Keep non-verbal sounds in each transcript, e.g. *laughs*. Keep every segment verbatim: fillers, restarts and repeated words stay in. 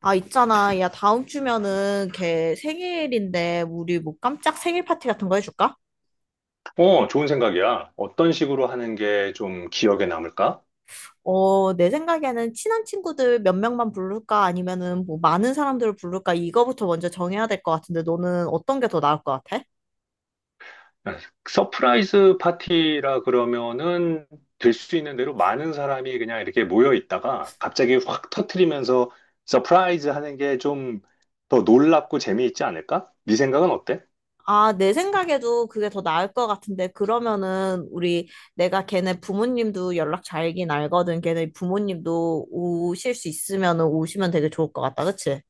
아, 있잖아. 야, 다음 주면은 걔 생일인데, 우리 뭐 깜짝 생일 파티 같은 거 해줄까? 어, 좋은 생각이야. 어떤 식으로 하는 게 좀 기억에 남을까? 어, 내 생각에는 친한 친구들 몇 명만 부를까? 아니면은 뭐 많은 사람들을 부를까? 이거부터 먼저 정해야 될 것 같은데, 너는 어떤 게 더 나을 것 같아? 서프라이즈 파티라 그러면은 될 수 있는 대로 많은 사람이 그냥 이렇게 모여 있다가 갑자기 확 터트리면서 서프라이즈 하는 게 좀 더 놀랍고 재미있지 않을까? 네 생각은 어때? 아, 내 생각에도 그게 더 나을 것 같은데, 그러면은 우리 내가 걔네 부모님도 연락 잘긴 알거든. 걔네 부모님도 오실 수 있으면은 오시면 되게 좋을 것 같다. 그치?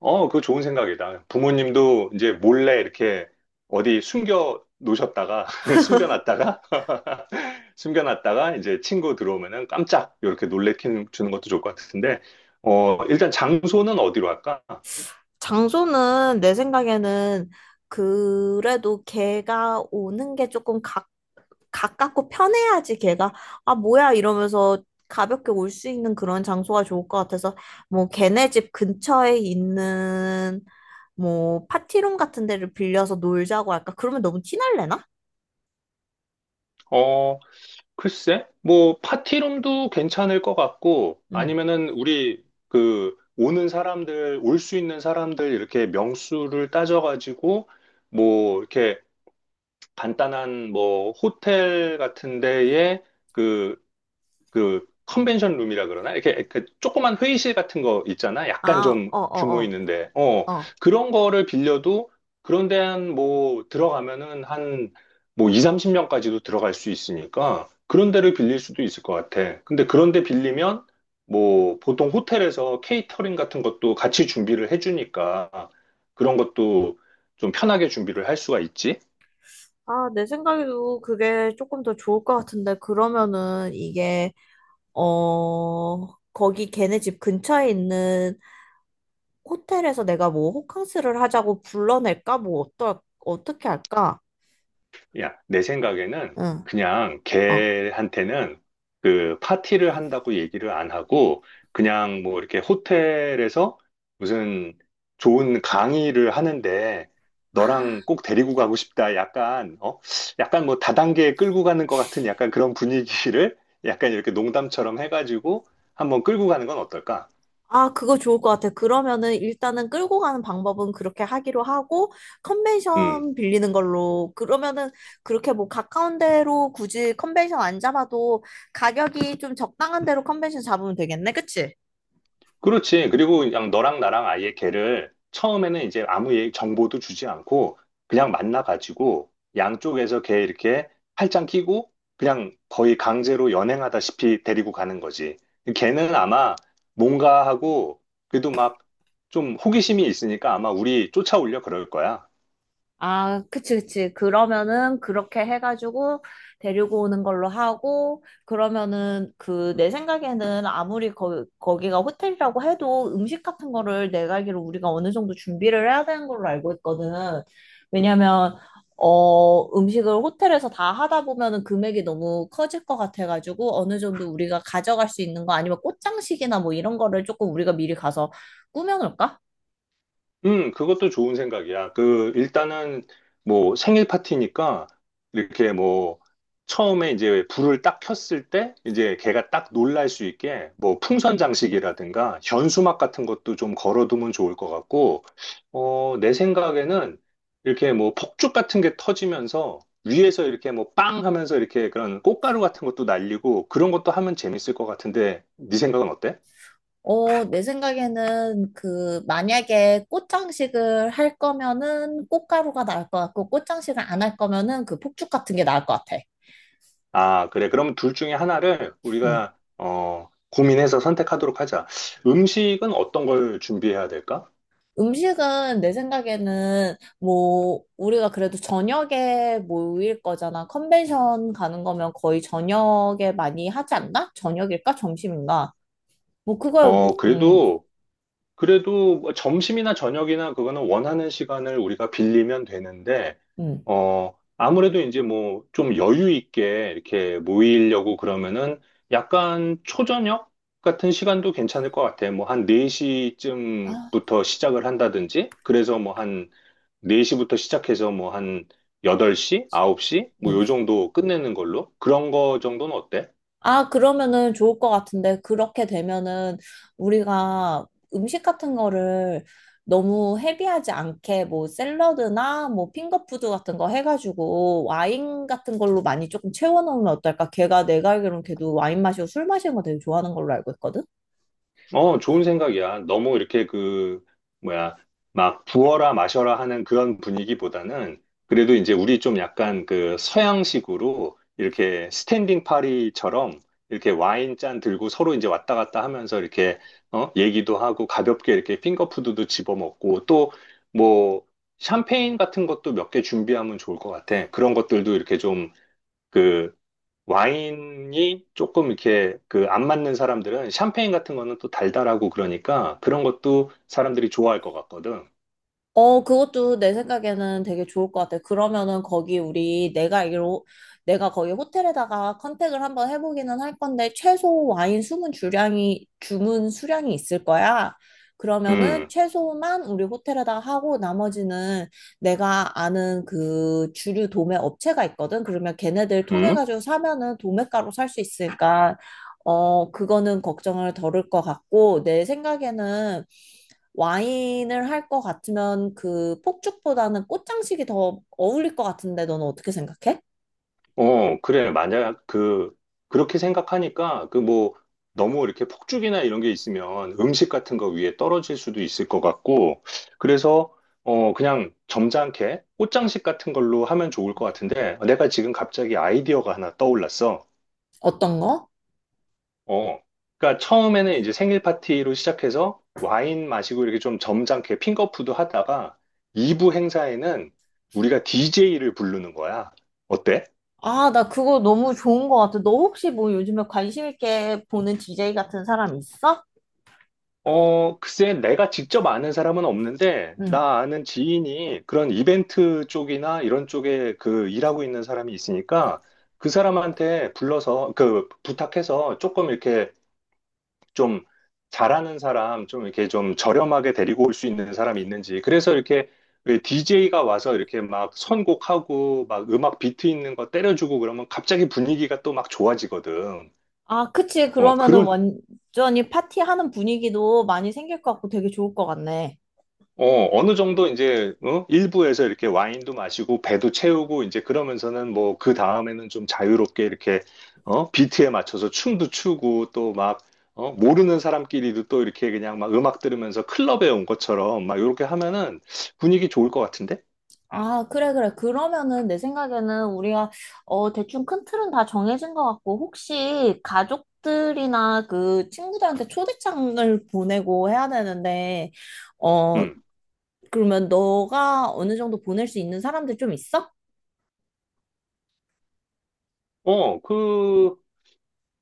어, 그거 좋은 생각이다. 부모님도 이제 몰래 이렇게 어디 숨겨 놓으셨다가, *laughs* 숨겨놨다가, *laughs* 숨겨놨다가 이제 친구 들어오면은 깜짝 이렇게 놀래키는 주는 것도 좋을 것 같은데, 어, 일단 장소는 어디로 할까? 장소는 내 생각에는 그래도 걔가 오는 게 조금 가, 가깝고 편해야지 걔가 아 뭐야 이러면서 가볍게 올 수 있는 그런 장소가 좋을 것 같아서 뭐 걔네 집 근처에 있는 뭐 파티룸 같은 데를 빌려서 놀자고 할까? 그러면 너무 티날래나? 어, 글쎄, 뭐, 파티룸도 괜찮을 것 같고, 음. 아니면은 우리 그 오는 사람들, 올 수 있는 사람들 이렇게 명수를 따져가지고, 뭐, 이렇게 간단한 뭐 호텔 같은 데에 그, 그 컨벤션 룸이라 그러나? 이렇게 그 조그만 회의실 같은 거 있잖아. 아, 약간 좀 어, 어, 규모 어, 있는데. 어, 어. 그런 거를 빌려도 그런 데 한 뭐 들어가면은 한 뭐 이십, 삼십 명까지도 들어갈 수 있으니까 그런 데를 빌릴 수도 있을 것 같아. 근데 그런 데 빌리면 뭐 보통 호텔에서 케이터링 같은 것도 같이 준비를 해주니까 그런 것도 좀 편하게 준비를 할 수가 있지. 아, 내 생각에도 그게 조금 더 좋을 것 같은데 그러면은 이게 어, 거기 걔네 집 근처에 있는 호텔에서 내가 뭐 호캉스를 하자고 불러낼까? 뭐 어떨, 어떻게 할까? 야, 내 생각에는 응, 그냥 어. 걔한테는 그 파티를 한다고 얘기를 안 하고 그냥 뭐 이렇게 호텔에서 무슨 좋은 강의를 하는데 아, 너랑 꼭 데리고 가고 싶다. 약간, 어? 약간 뭐 다단계에 끌고 가는 것 같은 약간 그런 분위기를 약간 이렇게 농담처럼 해가지고 한번 끌고 가는 건 어떨까? 아, 그거 좋을 것 같아. 그러면은 일단은 끌고 가는 방법은 그렇게 하기로 하고, 음. 컨벤션 빌리는 걸로. 그러면은 그렇게 뭐 가까운 데로 굳이 컨벤션 안 잡아도 가격이 좀 적당한 데로 컨벤션 잡으면 되겠네. 그치? 그렇지. 그리고 그냥 너랑 나랑 아예 걔를 처음에는 이제 아무 얘기, 정보도 주지 않고 그냥 만나가지고 양쪽에서 걔 이렇게 팔짱 끼고 그냥 거의 강제로 연행하다시피 데리고 가는 거지. 걔는 아마 뭔가 하고 그래도 막 좀 호기심이 있으니까 아마 우리 쫓아오려 그럴 거야. 아, 그치, 그치. 그러면은 그렇게 해가지고 데리고 오는 걸로 하고, 그러면은 그 내 생각에는 아무리 거, 거기가 호텔이라고 해도 음식 같은 거를 내가 알기로 우리가 어느 정도 준비를 해야 되는 걸로 알고 있거든. 왜냐면, 어, 음식을 호텔에서 다 하다 보면은 금액이 너무 커질 것 같아가지고 어느 정도 우리가 가져갈 수 있는 거 아니면 꽃장식이나 뭐 이런 거를 조금 우리가 미리 가서 꾸며놓을까? 음, 그것도 좋은 생각이야. 그, 일단은, 뭐, 생일 파티니까, 이렇게 뭐, 처음에 이제 불을 딱 켰을 때, 이제 걔가 딱 놀랄 수 있게, 뭐, 풍선 장식이라든가, 현수막 같은 것도 좀 걸어두면 좋을 것 같고, 어, 내 생각에는, 이렇게 뭐, 폭죽 같은 게 터지면서, 위에서 이렇게 뭐, 빵 하면서 이렇게 그런 꽃가루 같은 것도 날리고, 그런 것도 하면 재밌을 것 같은데, 네 생각은 어때? 어, 내 생각에는 그 만약에 꽃장식을 할 거면은 꽃가루가 나을 것 같고 꽃장식을 안 할 거면은 그 폭죽 같은 게 나을 것 같아. 아, 그래. 그럼 둘 중에 하나를 음. 우리가, 어, 고민해서 선택하도록 하자. 음식은 어떤 걸 준비해야 될까? 음식은 내 생각에는 뭐 우리가 그래도 저녁에 모일 거잖아. 컨벤션 가는 거면 거의 저녁에 많이 하지 않나? 저녁일까? 점심인가? 뭐 그걸 어, 뭐 음. 그래도, 그래도 뭐 점심이나 저녁이나 그거는 원하는 시간을 우리가 빌리면 되는데, 음. 어, 아무래도 이제 뭐 좀 여유 있게 이렇게 모이려고 그러면은 약간 초저녁 같은 시간도 괜찮을 것 같아. 뭐 한 아, 네 시쯤부터 시작을 한다든지, 그래서 뭐한 네 시부터 시작해서 뭐 한 여덟 시, 아홉 시? 뭐 요 음. 정도 끝내는 걸로? 그런 거 정도는 어때? 아, 그러면은 좋을 것 같은데, 그렇게 되면은 우리가 음식 같은 거를 너무 헤비하지 않게 뭐 샐러드나 뭐 핑거푸드 같은 거 해가지고 와인 같은 걸로 많이 조금 채워놓으면 어떨까? 걔가 내가 알기로는 걔도 와인 마시고 술 마시는 거 되게 좋아하는 걸로 알고 있거든? 어, 좋은 생각이야. 너무 이렇게 그, 뭐야, 막 부어라 마셔라 하는 그런 분위기보다는 그래도 이제 우리 좀 약간 그 서양식으로 이렇게 스탠딩 파리처럼 이렇게 와인 잔 들고 서로 이제 왔다 갔다 하면서 이렇게 어, 얘기도 하고 가볍게 이렇게 핑거푸드도 집어먹고 또 뭐 샴페인 같은 것도 몇 개 준비하면 좋을 것 같아. 그런 것들도 이렇게 좀그 와인이 조금 이렇게 그 안 맞는 사람들은 샴페인 같은 거는 또 달달하고 그러니까 그런 것도 사람들이 좋아할 것 같거든. 어, 그것도 내 생각에는 되게 좋을 것 같아. 그러면은 거기 우리 내가 알기로 내가 거기 호텔에다가 컨택을 한번 해보기는 할 건데 최소 와인 주문 주량이 주문 수량이 있을 거야. 그러면은 음. 최소만 우리 호텔에다가 하고 나머지는 내가 아는 그 주류 도매 업체가 있거든. 그러면 걔네들 통해 음. 가지고 사면은 도매가로 살 수 있으니까 어, 그거는 걱정을 덜을 것 같고 내 생각에는 와인을 할 것 같으면 그 폭죽보다는 꽃장식이 더 어울릴 것 같은데 너는 어떻게 생각해? 어, 그래. 만약 그, 그렇게 생각하니까 그 뭐 너무 이렇게 폭죽이나 이런 게 있으면 음식 같은 거 위에 떨어질 수도 있을 것 같고 그래서 어, 그냥 점잖게 꽃장식 같은 걸로 하면 좋을 것 같은데 내가 지금 갑자기 아이디어가 하나 떠올랐어. 어떤 거? 어. 그러니까 처음에는 이제 생일 파티로 시작해서 와인 마시고 이렇게 좀 점잖게 핑거푸드 하다가 이 부 행사에는 우리가 디제이를 부르는 거야. 어때? 아, 나 그거 너무 좋은 것 같아. 너 혹시 뭐 요즘에 관심 있게 보는 디제이 같은 사람 있어? 어, 글쎄 내가 직접 아는 사람은 없는데 응. 나 아는 지인이 그런 이벤트 쪽이나 이런 쪽에 그 일하고 있는 사람이 있으니까 그 사람한테 불러서 그 부탁해서 조금 이렇게 좀 잘하는 사람, 좀 이렇게 좀 저렴하게 데리고 올 수 있는 사람이 있는지. 그래서 이렇게 디제이가 와서 이렇게 막 선곡하고 막 음악 비트 있는 거 때려주고 그러면 갑자기 분위기가 또 막 좋아지거든. 아, 그치. 어, 그러면은 그런, 완전히 파티하는 분위기도 많이 생길 것 같고 되게 좋을 것 같네. 어, 어느 정도 이제, 어? 일부에서 이렇게 와인도 마시고, 배도 채우고, 이제 그러면서는 뭐, 그 다음에는 좀 자유롭게 이렇게, 어? 비트에 맞춰서 춤도 추고, 또 막, 어? 모르는 사람끼리도 또 이렇게 그냥 막 음악 들으면서 클럽에 온 것처럼 막 이렇게 하면은 분위기 좋을 것 같은데? 아, 그래, 그래. 그러면은 내 생각에는 우리가, 어, 대충 큰 틀은 다 정해진 것 같고, 혹시 가족들이나 그 친구들한테 초대장을 보내고 해야 되는데, 어, 음. 그러면 너가 어느 정도 보낼 수 있는 사람들 좀 있어? 어, 그,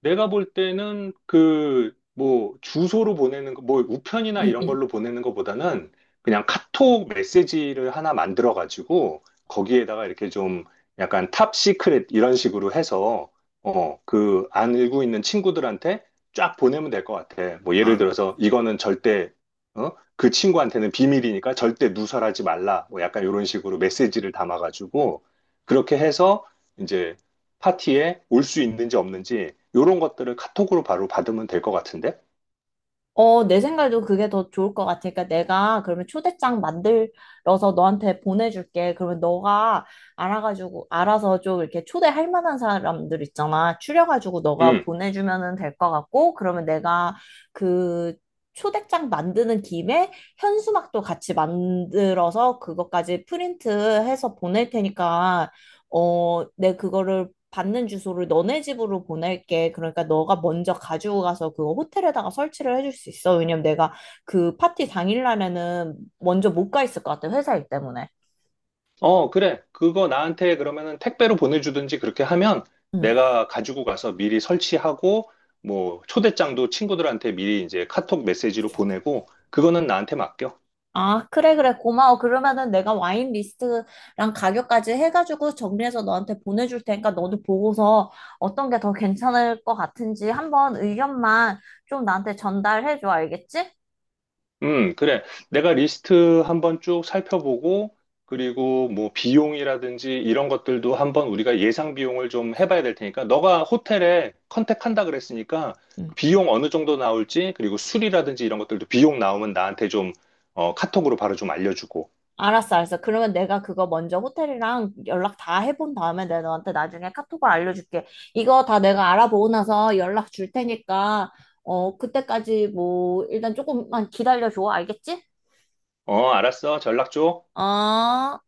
내가 볼 때는 그 뭐 주소로 보내는 거, 뭐 우편이나 응, 이런 응. 걸로 보내는 것보다는 그냥 카톡 메시지를 하나 만들어 가지고 거기에다가 이렇게 좀 약간 탑 시크릿 이런 식으로 해서 어, 그 알고 있는 친구들한테 쫙 보내면 될 것 같아. 뭐 예를 들어서 이거는 절대 어? 그 친구한테는 비밀이니까 절대 누설하지 말라. 뭐 약간 이런 식으로 메시지를 담아 가지고 그렇게 해서 이제 파티에 올 수 있는지 없는지 이런 것들을 카톡으로 바로 받으면 될 것 같은데? 어, 내 생각에도 그게 더 좋을 것 같으니까 내가 그러면 초대장 만들어서 너한테 보내줄게. 그러면 너가 알아가지고, 알아서 좀 이렇게 초대할 만한 사람들 있잖아. 추려가지고 너가 음. 보내주면은 될 것 같고, 그러면 내가 그 초대장 만드는 김에 현수막도 같이 만들어서 그것까지 프린트해서 보낼 테니까 어, 내 그거를 받는 주소를 너네 집으로 보낼게. 그러니까 너가 먼저 가지고 가서 그거 호텔에다가 설치를 해줄 수 있어. 왜냐면 내가 그 파티 당일날에는 먼저 못 가 있을 것 같아. 회사 일 때문에. 어, 그래. 그거 나한테 그러면은 택배로 보내주든지 그렇게 하면 응. 내가 가지고 가서 미리 설치하고 뭐 초대장도 친구들한테 미리 이제 카톡 메시지로 보내고 그거는 나한테 맡겨. 아, 그래, 그래. 고마워. 그러면은 내가 와인 리스트랑 가격까지 해가지고 정리해서 너한테 보내줄 테니까 너도 보고서 어떤 게 더 괜찮을 것 같은지 한번 의견만 좀 나한테 전달해줘. 알겠지? 음, 그래. 내가 리스트 한번 쭉 살펴보고, 그리고 뭐 비용이라든지 이런 것들도 한번 우리가 예상 비용을 좀 해봐야 될 테니까, 너가 호텔에 컨택한다 그랬으니까, 응. 비용 어느 정도 나올지, 그리고 술이라든지 이런 것들도 비용 나오면 나한테 좀, 어, 카톡으로 바로 좀 알려주고. 알았어, 알았어. 그러면 내가 그거 먼저 호텔이랑 연락 다 해본 다음에 내가 너한테 나중에 카톡을 알려줄게. 이거 다 내가 알아보고 나서 연락 줄 테니까, 어, 그때까지 뭐, 일단 조금만 기다려줘. 알겠지? 어, 알았어. 전락 줘. 어.